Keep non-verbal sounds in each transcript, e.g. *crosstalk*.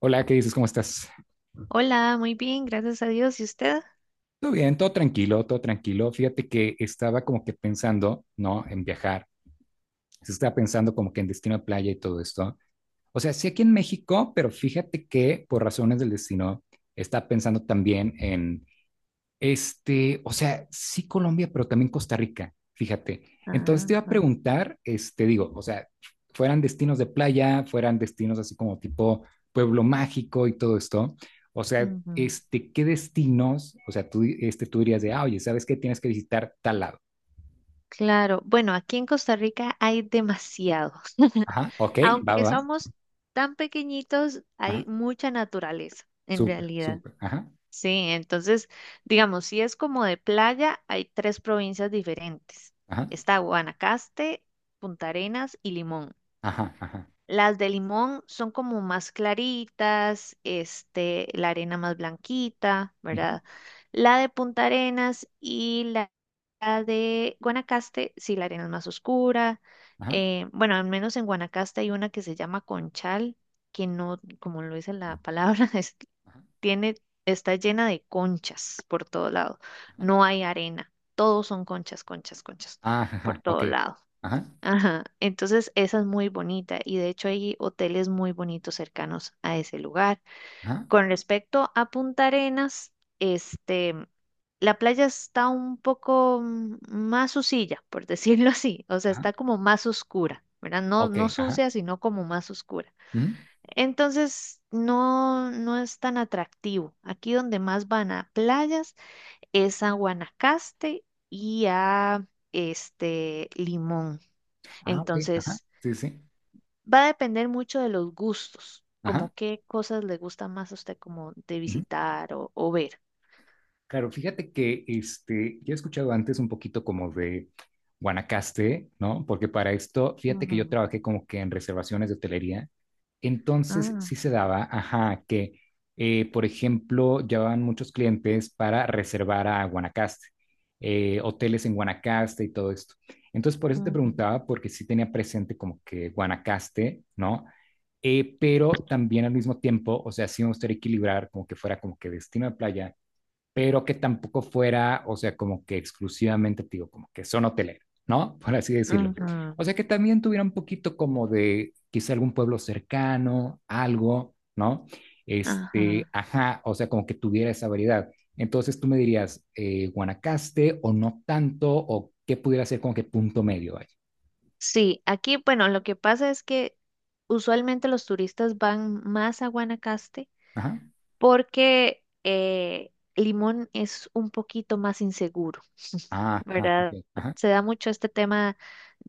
Hola, ¿qué dices? ¿Cómo estás? Hola, muy bien, gracias a Dios. ¿Y usted? Todo bien, todo tranquilo, todo tranquilo. Fíjate que estaba como que pensando, ¿no? En viajar. Se Estaba pensando como que en destino de playa y todo esto. O sea, sí aquí en México, pero fíjate que por razones del destino, estaba pensando también en o sea, sí Colombia, pero también Costa Rica, fíjate. Entonces Ah, te iba a ah, preguntar, digo, o sea, fueran destinos de playa, fueran destinos así como tipo pueblo mágico y todo esto, o sea, ujú. ¿Qué destinos, o sea, tú dirías de, ah, oye, ¿sabes qué? Tienes que visitar tal lado. Claro, bueno, aquí en Costa Rica hay demasiados. Ajá, ok, va, va, Aunque va, somos tan pequeñitos, hay ajá, mucha naturaleza, en súper, realidad. súper, ajá, Sí, entonces, digamos, si es como de playa, hay tres provincias diferentes. ajá, Está Guanacaste, Punta Arenas y Limón. ajá, ajá, Las de limón son como más claritas, este, la arena más blanquita, ujú, ¿verdad? La de Punta Arenas y la de Guanacaste, sí, la arena es más oscura. ajá, Bueno, al menos en Guanacaste hay una que se llama Conchal, que no, como lo dice la palabra, *laughs* ajá, tiene, está llena de conchas por todo lado. ajá, No hay arena, todos son conchas, conchas, conchas ah, por ajá, ok, todo lado. ajá, Ajá, entonces esa es muy bonita y de hecho hay hoteles muy bonitos cercanos a ese lugar. ajá, Con respecto a Punta Arenas, este, la playa está un poco más sucilla, por *laughs* decirlo así, o sea, ajá, está como más oscura, ¿verdad? No, ok, no ajá, sucia, sino como más oscura. ujú, Entonces, no, no es tan atractivo. Aquí donde más van a playas es a Guanacaste y a este Limón. ah, ok, ajá, Entonces, sí, sí, va a depender mucho de los gustos, ajá. como qué cosas le gusta más a usted como de Ujú. visitar o ver. Claro, fíjate que yo he escuchado antes un poquito como de Guanacaste, ¿no? Porque para esto, fíjate que yo Ujú, trabajé como que en reservaciones de hotelería, entonces ah, sí se daba, ajá, que, por ejemplo, llevaban muchos clientes para reservar a Guanacaste, hoteles en Guanacaste y todo esto. Entonces, por eso te ujú, preguntaba, porque sí tenía presente como que Guanacaste, ¿no? Pero también al mismo tiempo, o sea, sí me gustaría equilibrar como que fuera como que destino de playa, pero que tampoco fuera, o sea, como que exclusivamente, te digo, como que son hoteleros, ¿no? *laughs* Por así decirlo. ujú, O sea, que también tuviera un poquito como de quizá algún pueblo cercano, algo, ¿no? Este, ajá. ajá, o sea, como que tuviera esa variedad. Entonces tú me dirías, Guanacaste o no tanto, o qué pudiera ser como que punto medio ahí. Sí, aquí, bueno, lo que pasa es que usualmente los turistas van más a Guanacaste Ajá, porque Limón es un poquito más inseguro, ah, ajá, ok, ¿verdad? ajá, Se da mucho este tema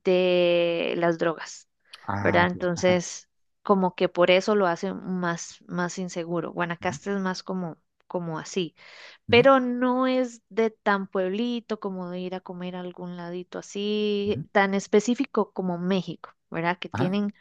de las drogas, ah, ¿verdad? ok. Entonces, como que por eso lo hace más, más inseguro. Ujú, Guanacaste es más como así, ujú, pero no es de tan pueblito como de ir a comer a algún ladito así, ujú. tan específico como México, ¿verdad? Que Ajá, tienen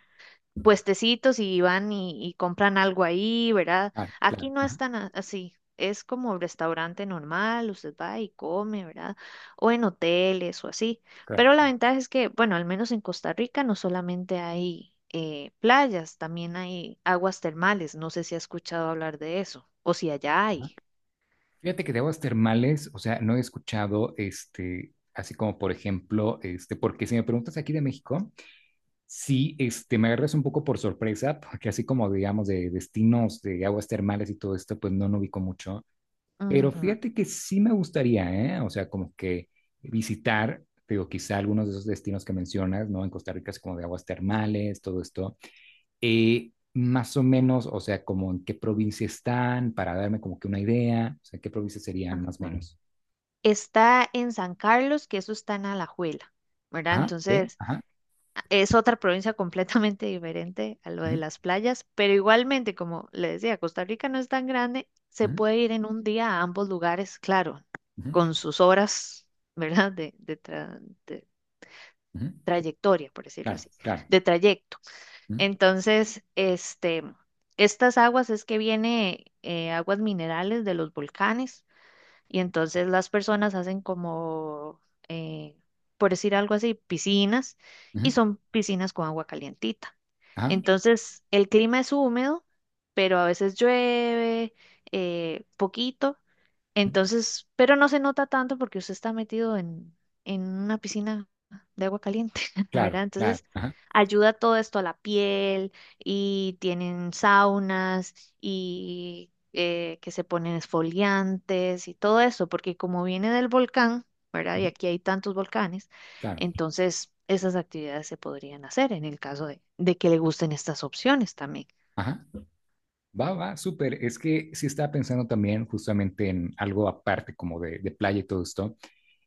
puestecitos y van y compran algo ahí, ¿verdad? ah, Aquí claro, no es ajá, tan así. Es como restaurante normal, usted va y come, ¿verdad? O en hoteles o así. claro, Pero la ventaja es que, bueno, al menos en Costa Rica no solamente hay playas, también hay aguas termales. No sé si ha escuchado hablar de eso o si allá ajá. hay. Fíjate que de aguas termales, o sea, no he escuchado, así como por ejemplo, porque si me preguntas aquí de México, sí, me agarras un poco por sorpresa, porque así como digamos de destinos de aguas termales y todo esto, pues no, no ubico mucho, pero Ujú, fíjate que sí me gustaría, ¿eh? O sea, como que visitar, digo, quizá algunos de esos destinos que mencionas, ¿no? En Costa Rica, es como de aguas termales, todo esto más o menos, o sea, como en qué provincia están, para darme como que una idea, o sea, qué provincias serían más o ajá. menos. Está en San Carlos, que eso está en Alajuela, ¿verdad? Ajá, ok, Entonces, ajá. es otra provincia completamente diferente a lo de Ujú, las playas, pero igualmente, como le decía, Costa Rica no es tan grande, se ujú, puede ir en un día a ambos lugares, claro, ujú, con sus horas, ¿verdad? De ujú, trayectoria, por decirlo claro, así, claro. de trayecto. Ujú, Entonces, este, estas aguas es que viene aguas minerales de los volcanes. Y entonces las personas hacen como, eh, por decir algo así, piscinas y ujú, son piscinas con agua calientita. ajá, Entonces el clima es húmedo, pero a veces llueve poquito ujú, entonces, pero no se nota tanto porque usted está metido en una piscina de agua caliente, *laughs* claro, ¿verdad? claro, Entonces, ajá, ayuda todo esto a la piel y tienen saunas y que se ponen esfoliantes y todo eso, porque como viene del volcán, ¿verdad? Y ujú, aquí hay tantos volcanes, claro, entonces esas actividades se podrían hacer en el caso de que le gusten estas opciones también. ajá. Va, va, súper. Es que sí estaba pensando también justamente en algo aparte como de playa y todo esto.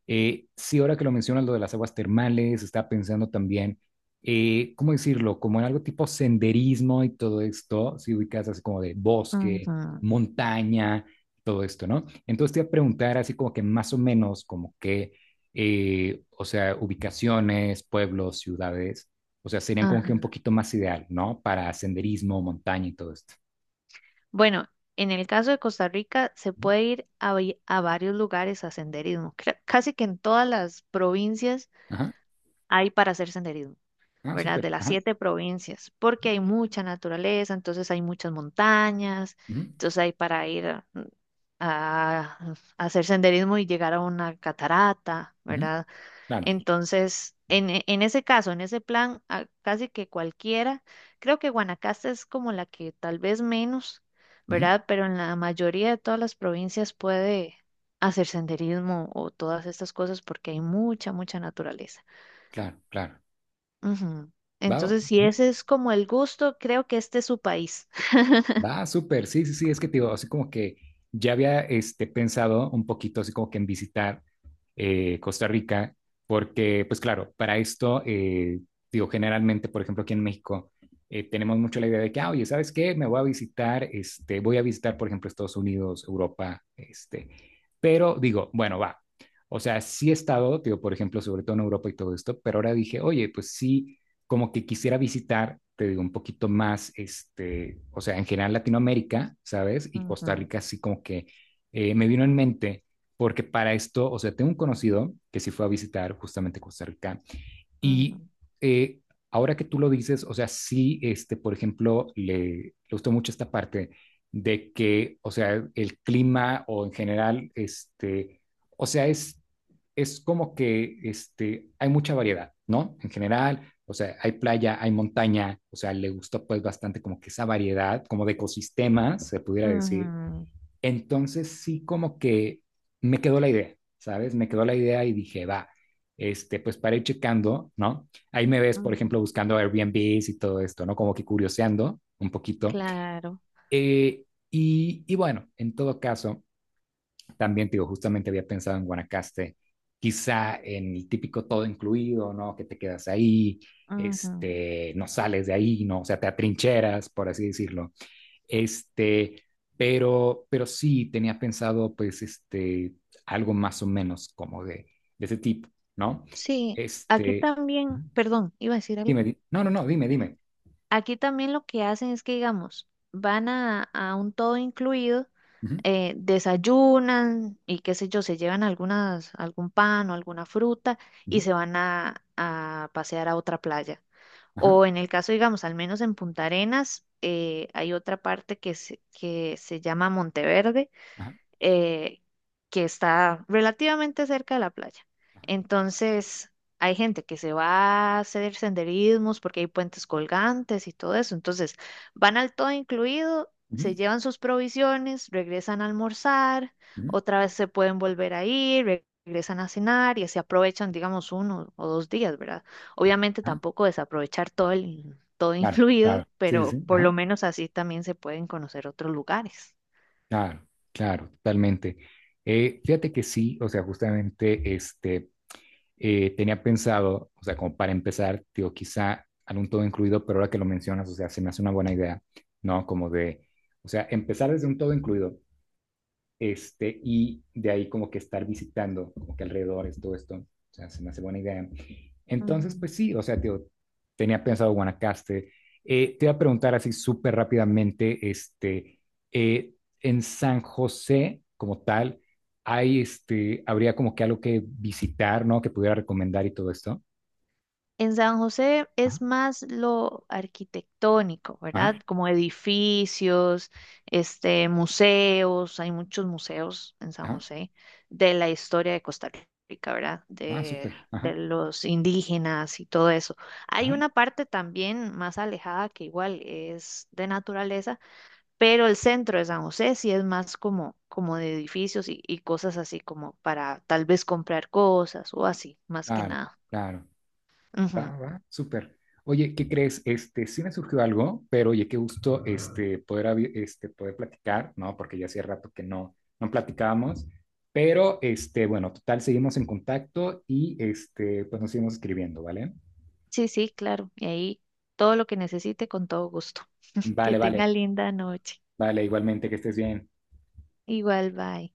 Sí, ahora que lo mencionas, lo de las aguas termales, estaba pensando también, ¿cómo decirlo? Como en algo tipo senderismo y todo esto, si ubicas así como de bosque, Ujú, montaña, todo esto, ¿no? Entonces te iba a preguntar así como que más o menos, como que, o sea, ubicaciones, pueblos, ciudades, o sea, serían como que un ajá. poquito más ideal, ¿no? Para senderismo, montaña y todo esto. Bueno, en el caso de Costa Rica se Ujú. puede ir a varios lugares a senderismo. Casi que en todas las provincias Ajá, hay para hacer senderismo, ah, ¿verdad? súper, De las ajá, siete provincias, porque hay mucha naturaleza, entonces hay muchas montañas, ujú, entonces hay para ir a, a- a hacer senderismo y llegar a una catarata, ujú, ¿verdad? claro, Entonces, en ese caso, en ese plan, casi que cualquiera, creo que Guanacaste es como la que tal vez menos, ujú, ¿verdad? Pero en la mayoría de todas las provincias puede hacer senderismo o todas estas cosas porque hay mucha, mucha naturaleza. claro, claro. Ujú. ¿Va? Entonces, si ese es como el gusto, creo que este es su país. *laughs* Va, súper, sí, sí, sí, es que te digo, así como que ya había pensado un poquito así como que en visitar Costa Rica, porque pues claro, para esto, digo, generalmente, por ejemplo, aquí en México, tenemos mucho la idea de que, ah, oye, ¿sabes qué? Me voy a visitar, este, Voy a visitar, por ejemplo, Estados Unidos, Europa, pero digo, bueno, va, o sea, sí he estado, digo, por ejemplo, sobre todo en Europa y todo esto, pero ahora dije, oye, pues sí como que quisiera visitar, te digo, un poquito más, o sea, en general Latinoamérica, ¿sabes? Y Costa Ujú, Rica, así como que me vino en mente, porque para esto, o sea, tengo un conocido que sí fue a visitar justamente Costa Rica ujú, y eh, ahora que tú lo dices, o sea, sí, por ejemplo, le gustó mucho esta parte de que, o sea, el clima o en general, o sea, es como que hay mucha variedad, ¿no? En general, o sea, hay playa, hay montaña, o sea, le gustó pues bastante como que esa variedad, como de ecosistemas, se pudiera decir, ujú, entonces sí como que me quedó la idea, ¿sabes? Me quedó la idea y dije, va, pues para ir checando, ¿no? Ahí me ves, por ejemplo, ujú. buscando Airbnbs y todo esto, ¿no? Como que curioseando un poquito. Claro. Eh, y bueno, en todo caso, también te digo, justamente había pensado en Guanacaste, quizá en el típico todo incluido, ¿no? Que te quedas ahí, Ujú. No sales de ahí, ¿no? O sea, te atrincheras, por así decirlo este, pero sí tenía pensado, pues, algo más o menos como de ese tipo, ¿no? Sí, aquí Este, también, Ujú. perdón, iba a decir algo. Dime, no, no, no, dime, dime. Aquí también lo que hacen es que, digamos, van a, un todo incluido, Ujú, desayunan y qué sé yo, se llevan algún pan o alguna fruta y ujú, se van a pasear a otra playa. ajá, O en el caso, digamos, al menos en Punta Arenas, hay otra parte que se llama Monteverde ajá, eh, que está relativamente cerca de la playa. ajá, Entonces, hay gente que se va a hacer senderismos porque hay puentes colgantes y todo eso. Entonces, van al todo incluido, ujú, se llevan sus provisiones, regresan a almorzar, ujú, otra vez se pueden volver a ir, regresan a cenar y así aprovechan, digamos, uno o dos días, ¿verdad? Obviamente ajá. tampoco desaprovechar todo el todo Claro, incluido, claro, sí, sí, pero sí, por ajá, lo menos así también se pueden conocer otros lugares. claro, claro, totalmente. Fíjate que sí, o sea, justamente, tenía pensado, o sea, como para empezar, digo, quizá algún todo incluido, pero ahora que lo mencionas, o sea, se me hace una buena idea, ¿no? Como de, o sea, empezar desde un todo incluido, y de ahí como que estar visitando, como que alrededor es todo esto, o sea, se me hace buena idea. Entonces, Ujú. pues sí, o sea, tío, tenía pensado Guanacaste. Te iba a preguntar así súper rápidamente, eh, en San José como tal, habría como que algo que visitar, ¿no? Que pudiera recomendar y todo esto. En San José Ajá, es más lo arquitectónico, ajá, ¿verdad? Como edificios, este, museos, hay muchos museos en San ajá, José de la historia de Costa Rica, ¿verdad? ah, De, súper, de ajá, los indígenas y todo eso. Hay ajá, una parte también más alejada que igual es de naturaleza, pero el centro de San José sí es más como, de edificios y cosas así como para tal vez comprar cosas o así, más que claro, nada. claro. Va, va, súper. Oye, ¿qué crees? Sí me surgió algo, pero oye, qué gusto poder platicar, ¿no? Porque ya hacía rato que no platicábamos, pero bueno, total, seguimos en contacto y pues nos seguimos escribiendo, ¿vale? Sí, sí, claro. Y ahí todo lo que necesite con todo gusto. Que Vale, vale, tenga linda noche. vale, igualmente, que estés bien. Igual, bye.